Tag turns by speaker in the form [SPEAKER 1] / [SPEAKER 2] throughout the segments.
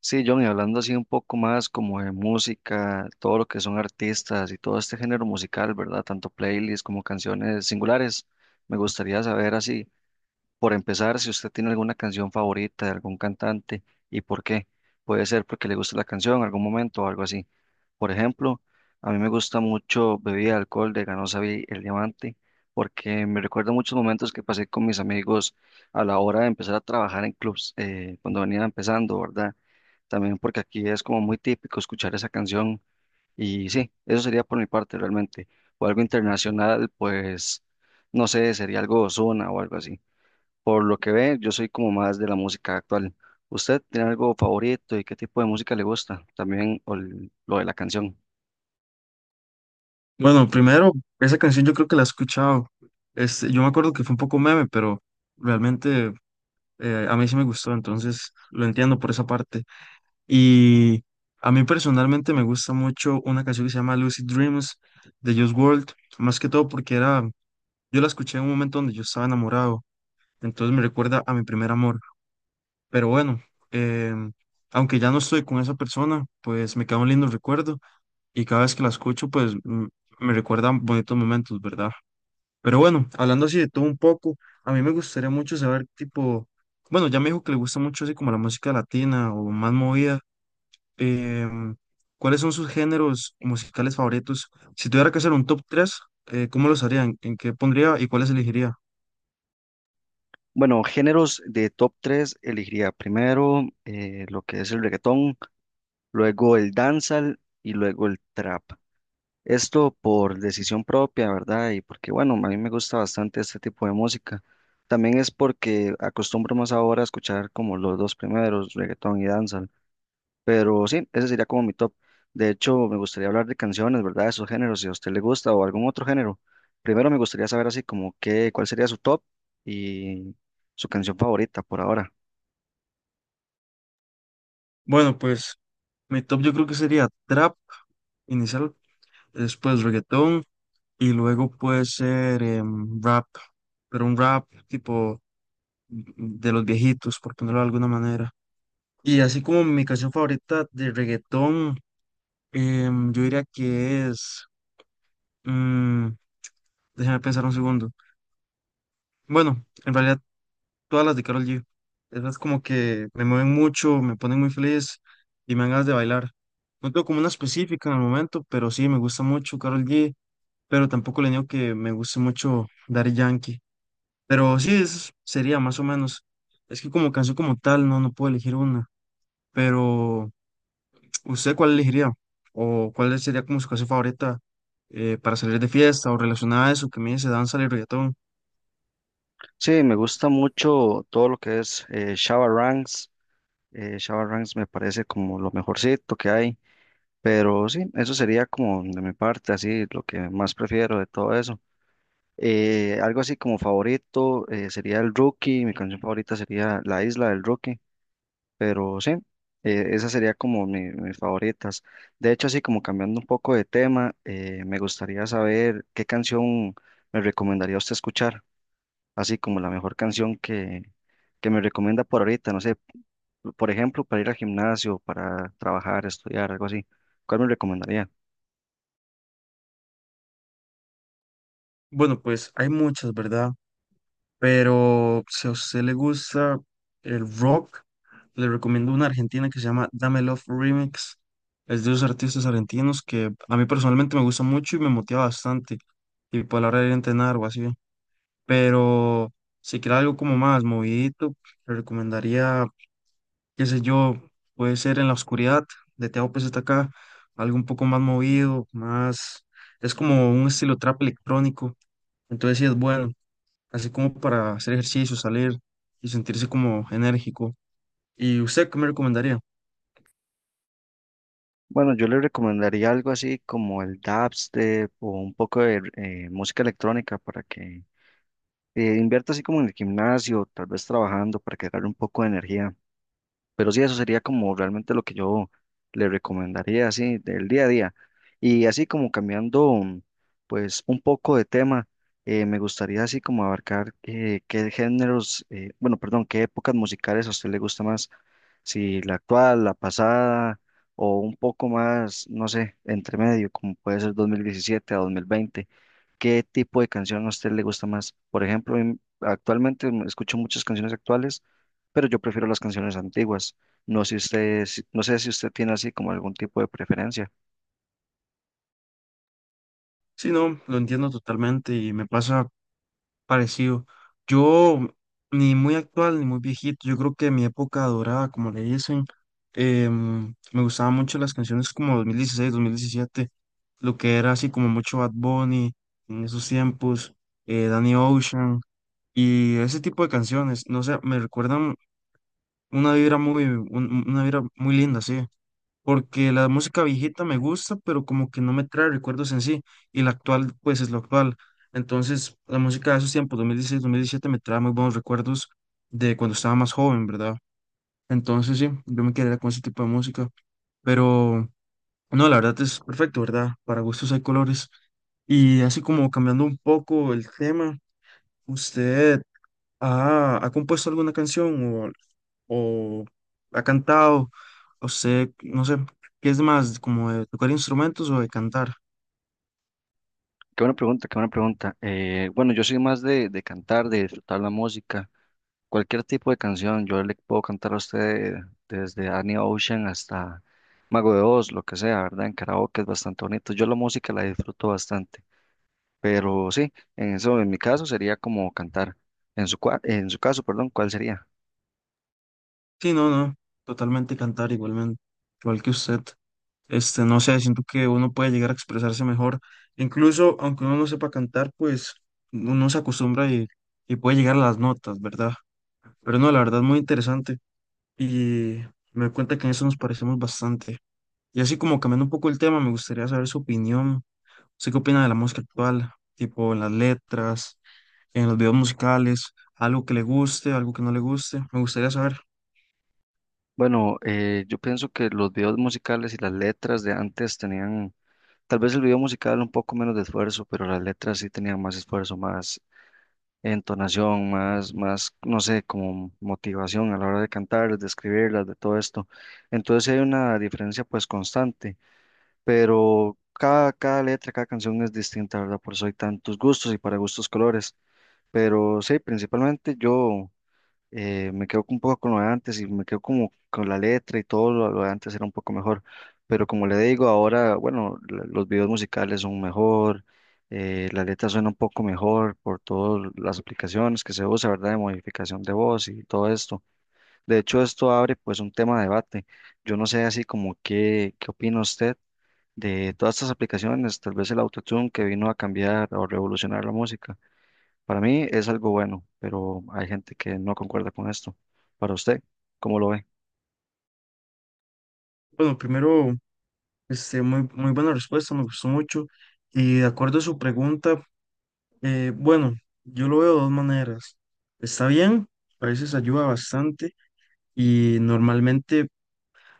[SPEAKER 1] Sí, John, y hablando así un poco más como de música, todo lo que son artistas y todo este género musical, ¿verdad? Tanto playlists como canciones singulares. Me gustaría saber así, por empezar, si usted tiene alguna canción favorita de algún cantante y por qué. Puede ser porque le gusta la canción en algún momento o algo así. Por ejemplo, a mí me gusta mucho Bebida de Alcohol de Ganosa Vi El Diamante porque me recuerda muchos momentos que pasé con mis amigos a la hora de empezar a trabajar en clubs, cuando venía empezando, ¿verdad? También porque aquí es como muy típico escuchar esa canción y sí, eso sería por mi parte realmente. O algo internacional, pues no sé, sería algo de Ozuna o algo así. Por lo que ve, yo soy como más de la música actual. ¿Usted tiene algo favorito y qué tipo de música le gusta? También o lo de la canción.
[SPEAKER 2] Bueno, primero, esa canción yo creo que la he escuchado. Este, yo me acuerdo que fue un poco meme, pero realmente a mí sí me gustó, entonces lo entiendo por esa parte. Y a mí personalmente me gusta mucho una canción que se llama Lucid Dreams de Just World, más que todo porque era, yo la escuché en un momento donde yo estaba enamorado, entonces me recuerda a mi primer amor. Pero bueno, em, aunque ya no estoy con esa persona, pues me queda un lindo recuerdo y cada vez que la escucho, me recuerdan bonitos momentos, ¿verdad? Pero bueno, hablando así de todo un poco, a mí me gustaría mucho saber, tipo, bueno, ya me dijo que le gusta mucho así como la música latina o más movida. em, ¿Cuáles son sus géneros musicales favoritos? Si tuviera que hacer un top 3, ¿cómo los haría? ¿¿En qué pondría y cuáles elegiría?
[SPEAKER 1] Bueno, géneros de top 3 elegiría primero lo que es el reggaetón, luego el dancehall y luego el trap. Esto por decisión propia, ¿verdad? Y porque, bueno, a mí me gusta bastante este tipo de música. También es porque acostumbro más ahora a escuchar como los dos primeros, reggaetón y danza. Pero sí, ese sería como mi top. De hecho, me gustaría hablar de canciones, ¿verdad? De esos géneros, si a usted le gusta o algún otro género. Primero me gustaría saber así como cuál sería su top y su canción favorita por ahora.
[SPEAKER 2] Bueno, pues mi top yo creo que sería trap inicial, después reggaetón y luego puede ser rap, pero un rap tipo de los viejitos, por ponerlo de alguna manera. Y así como mi canción favorita de reggaetón, yo diría que es. mm, Déjame pensar un segundo. Bueno, en realidad todas las de Karol G. Esas como que me mueven mucho, me ponen muy feliz y me dan ganas de bailar. No tengo como una específica en el momento, pero sí me gusta mucho Karol G. Pero tampoco le niego que me guste mucho Daddy Yankee. Pero sí, eso sería más o menos. Es que como canción como tal, no puedo elegir una. Pero ¿usted cuál elegiría? ¿O cuál sería como su canción favorita para salir de fiesta o relacionada a eso que me dice danza y reggaetón?
[SPEAKER 1] Sí, me gusta mucho todo lo que es Shabba Ranks. Shabba Ranks me parece como lo mejorcito que hay. Pero sí, eso sería como de mi parte, así lo que más prefiero de todo eso. Algo así como favorito sería el Rookie, mi canción favorita sería La Isla del Rookie, pero sí, esa sería como mis favoritas. De hecho, así como cambiando un poco de tema, me gustaría saber qué canción me recomendaría usted escuchar, así como la mejor canción que me recomienda por ahorita, no sé, por ejemplo, para ir al gimnasio, para trabajar, estudiar, algo así. ¿Cuál me recomendaría?
[SPEAKER 2] Bueno, pues hay muchas, ¿verdad? Pero si a usted le gusta el rock, le recomiendo una argentina que se llama Dame Love Remix. Es de los artistas argentinos que a mí personalmente me gusta mucho y me motiva bastante. Y por la hora de ir a entrenar o así. Pero si quiere algo como más movidito, le recomendaría qué sé yo, puede ser en la oscuridad de Teo acá, algo un poco más movido, más, es como un estilo trap electrónico, entonces sí es bueno, así como para hacer ejercicio, salir y sentirse como enérgico. ¿Y usted qué me recomendaría?
[SPEAKER 1] Bueno, yo le recomendaría algo así como el dubstep o un poco de música electrónica para que invierta así como en el gimnasio, tal vez trabajando para que agarre un poco de energía. Pero sí, eso sería como realmente lo que yo le recomendaría, así, del día a día. Y así como cambiando pues, un poco de tema, me gustaría así como abarcar qué géneros, bueno, perdón, qué épocas musicales a usted le gusta más, si la actual, la pasada, o un poco más, no sé, entre medio, como puede ser 2017 a 2020. ¿Qué tipo de canción a usted le gusta más? Por ejemplo, actualmente escucho muchas canciones actuales, pero yo prefiero las canciones antiguas. No sé usted, no sé si usted tiene así como algún tipo de preferencia.
[SPEAKER 2] Sí, no, lo entiendo totalmente y me pasa parecido. Yo, ni muy actual ni muy viejito, yo creo que mi época dorada, como le dicen, me gustaban mucho las canciones como 2016 2017, lo que era así como mucho Bad Bunny en esos tiempos, Danny Ocean y ese tipo de canciones, no sé, me recuerdan una vibra muy linda, sí porque la música viejita me gusta, pero como que no me trae recuerdos en sí, y la actual, pues es lo actual. Entonces, la música de esos tiempos, 2016, 2017, me trae muy buenos recuerdos de cuando estaba más joven, ¿verdad? Entonces, sí, yo me quedaría con ese tipo de música, pero no, la verdad es perfecto, ¿verdad? Para gustos hay colores. Y así como cambiando un poco el tema, ¿usted ha compuesto alguna canción o ha cantado, o sé, no sé, qué es más, ¿como de tocar instrumentos o de cantar?
[SPEAKER 1] Qué buena pregunta, qué buena pregunta. Bueno, yo soy más de cantar, de disfrutar la música, cualquier tipo de canción. Yo le puedo cantar a usted desde Annie Ocean hasta Mago de Oz, lo que sea, ¿verdad? En karaoke es bastante bonito. Yo la música la disfruto bastante. Pero sí, en eso en mi caso sería como cantar. En en su caso, perdón, ¿cuál sería?
[SPEAKER 2] Sí, no, no, totalmente cantar igualmente, igual que usted. Este, no sé, siento que uno puede llegar a expresarse mejor, incluso aunque uno no sepa cantar, pues uno se acostumbra y puede llegar a las notas, ¿verdad? Pero no, la verdad es muy interesante y me doy cuenta que en eso nos parecemos bastante. Y así como cambiando un poco el tema, me gustaría saber su opinión. ¿Usted qué opina de la música actual? Tipo en las letras, en los videos musicales, algo que le guste, algo que no le guste. Me gustaría saber.
[SPEAKER 1] Bueno, yo pienso que los videos musicales y las letras de antes tenían, tal vez el video musical un poco menos de esfuerzo, pero las letras sí tenían más esfuerzo, más entonación, más, no sé, como motivación a la hora de cantar, de escribirlas, de todo esto. Entonces sí hay una diferencia pues constante, pero cada letra, cada canción es distinta, ¿verdad? Por eso hay tantos gustos y para gustos colores. Pero sí, principalmente yo me quedo un poco con lo de antes y me quedo como con la letra y todo lo de antes era un poco mejor. Pero como le digo, ahora, bueno, los videos musicales son mejor, la letra suena un poco mejor por todas las aplicaciones que se usa, ¿verdad? De modificación de voz y todo esto. De hecho, esto abre pues un tema de debate. Yo no sé así como qué opina usted de todas estas aplicaciones, tal vez el autotune que vino a cambiar o revolucionar la música. Para mí es algo bueno, pero hay gente que no concuerda con esto. Para usted, ¿cómo lo ve?
[SPEAKER 2] Bueno, primero, este, muy buena respuesta, me gustó mucho. Y de acuerdo a su pregunta, bueno, yo lo veo de dos maneras. Está bien, a veces ayuda bastante y normalmente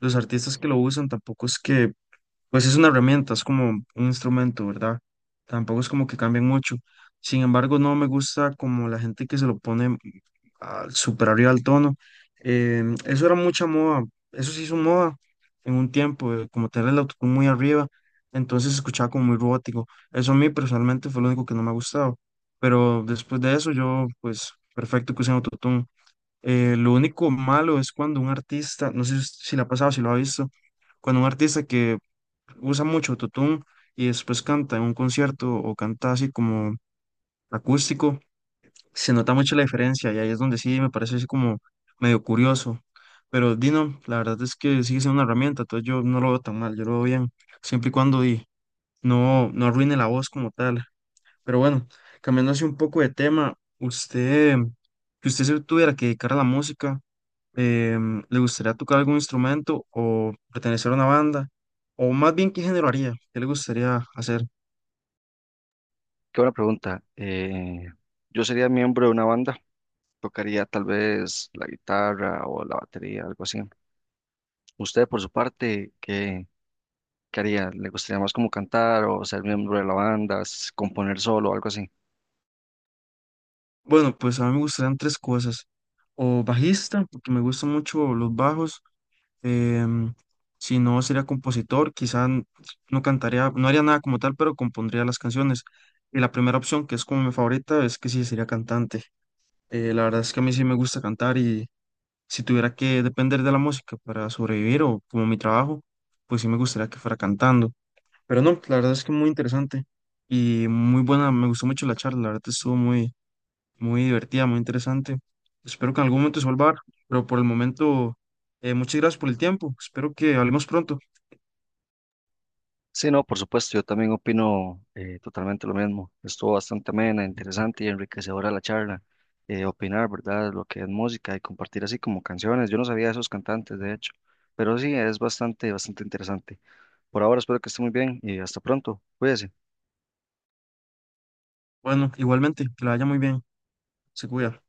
[SPEAKER 2] los artistas que lo usan tampoco es que. Pues es una herramienta, es como un instrumento, ¿verdad? Tampoco es como que cambien mucho. Sin embargo, no me gusta como la gente que se lo pone super arriba al tono. Eso era mucha moda, eso se hizo moda en un tiempo, como tener el autotune muy arriba, entonces se escuchaba como muy robótico. Eso a mí personalmente fue lo único que no me ha gustado. Pero después de eso, yo, pues, perfecto que usen autotune. Lo único malo es cuando un artista, no sé si la ha pasado, si lo ha visto, cuando un artista que usa mucho autotune y después canta en un concierto o canta así como acústico, se nota mucho la diferencia y ahí es donde sí me parece así como medio curioso. Pero Dino, la verdad es que sigue siendo una herramienta, entonces yo no lo veo tan mal, yo lo veo bien, siempre y cuando no arruine la voz como tal. Pero bueno, cambiando así un poco de tema, usted, si usted se tuviera que dedicar a la música, ¿le gustaría tocar algún instrumento o pertenecer a una banda? O más bien, ¿qué género haría? ¿Qué le gustaría hacer?
[SPEAKER 1] Qué buena pregunta. Yo sería miembro de una banda, tocaría tal vez la guitarra o la batería, algo así. Usted, por su parte, ¿qué haría? ¿Le gustaría más como cantar o ser miembro de la banda, componer solo, algo así?
[SPEAKER 2] Bueno, pues a mí me gustarían tres cosas. O bajista, porque me gustan mucho los bajos. em, si no, sería compositor. No cantaría, no haría nada como tal, pero compondría las canciones. Y la primera opción, que es como mi favorita, es que sí, sería cantante. La verdad es que a mí sí me gusta cantar. Si tuviera que depender de la música para sobrevivir o como mi trabajo, pues sí me gustaría que fuera cantando. Pero no, la verdad es que muy interesante y muy buena, me gustó mucho la charla, la verdad estuvo muy, muy divertida, muy interesante. Espero que en algún momento se vuelva a dar, pero por el momento, muchas gracias por el tiempo, espero que hablemos pronto.
[SPEAKER 1] Sí, no, por supuesto, yo también opino totalmente lo mismo. Estuvo bastante amena, interesante y enriquecedora la charla. Opinar, ¿verdad? Lo que es música y compartir así como canciones. Yo no sabía de esos cantantes, de hecho, pero sí, es bastante interesante. Por ahora espero que esté muy bien y hasta pronto. Cuídese.
[SPEAKER 2] Bueno, igualmente, que la vaya muy bien, se cuida.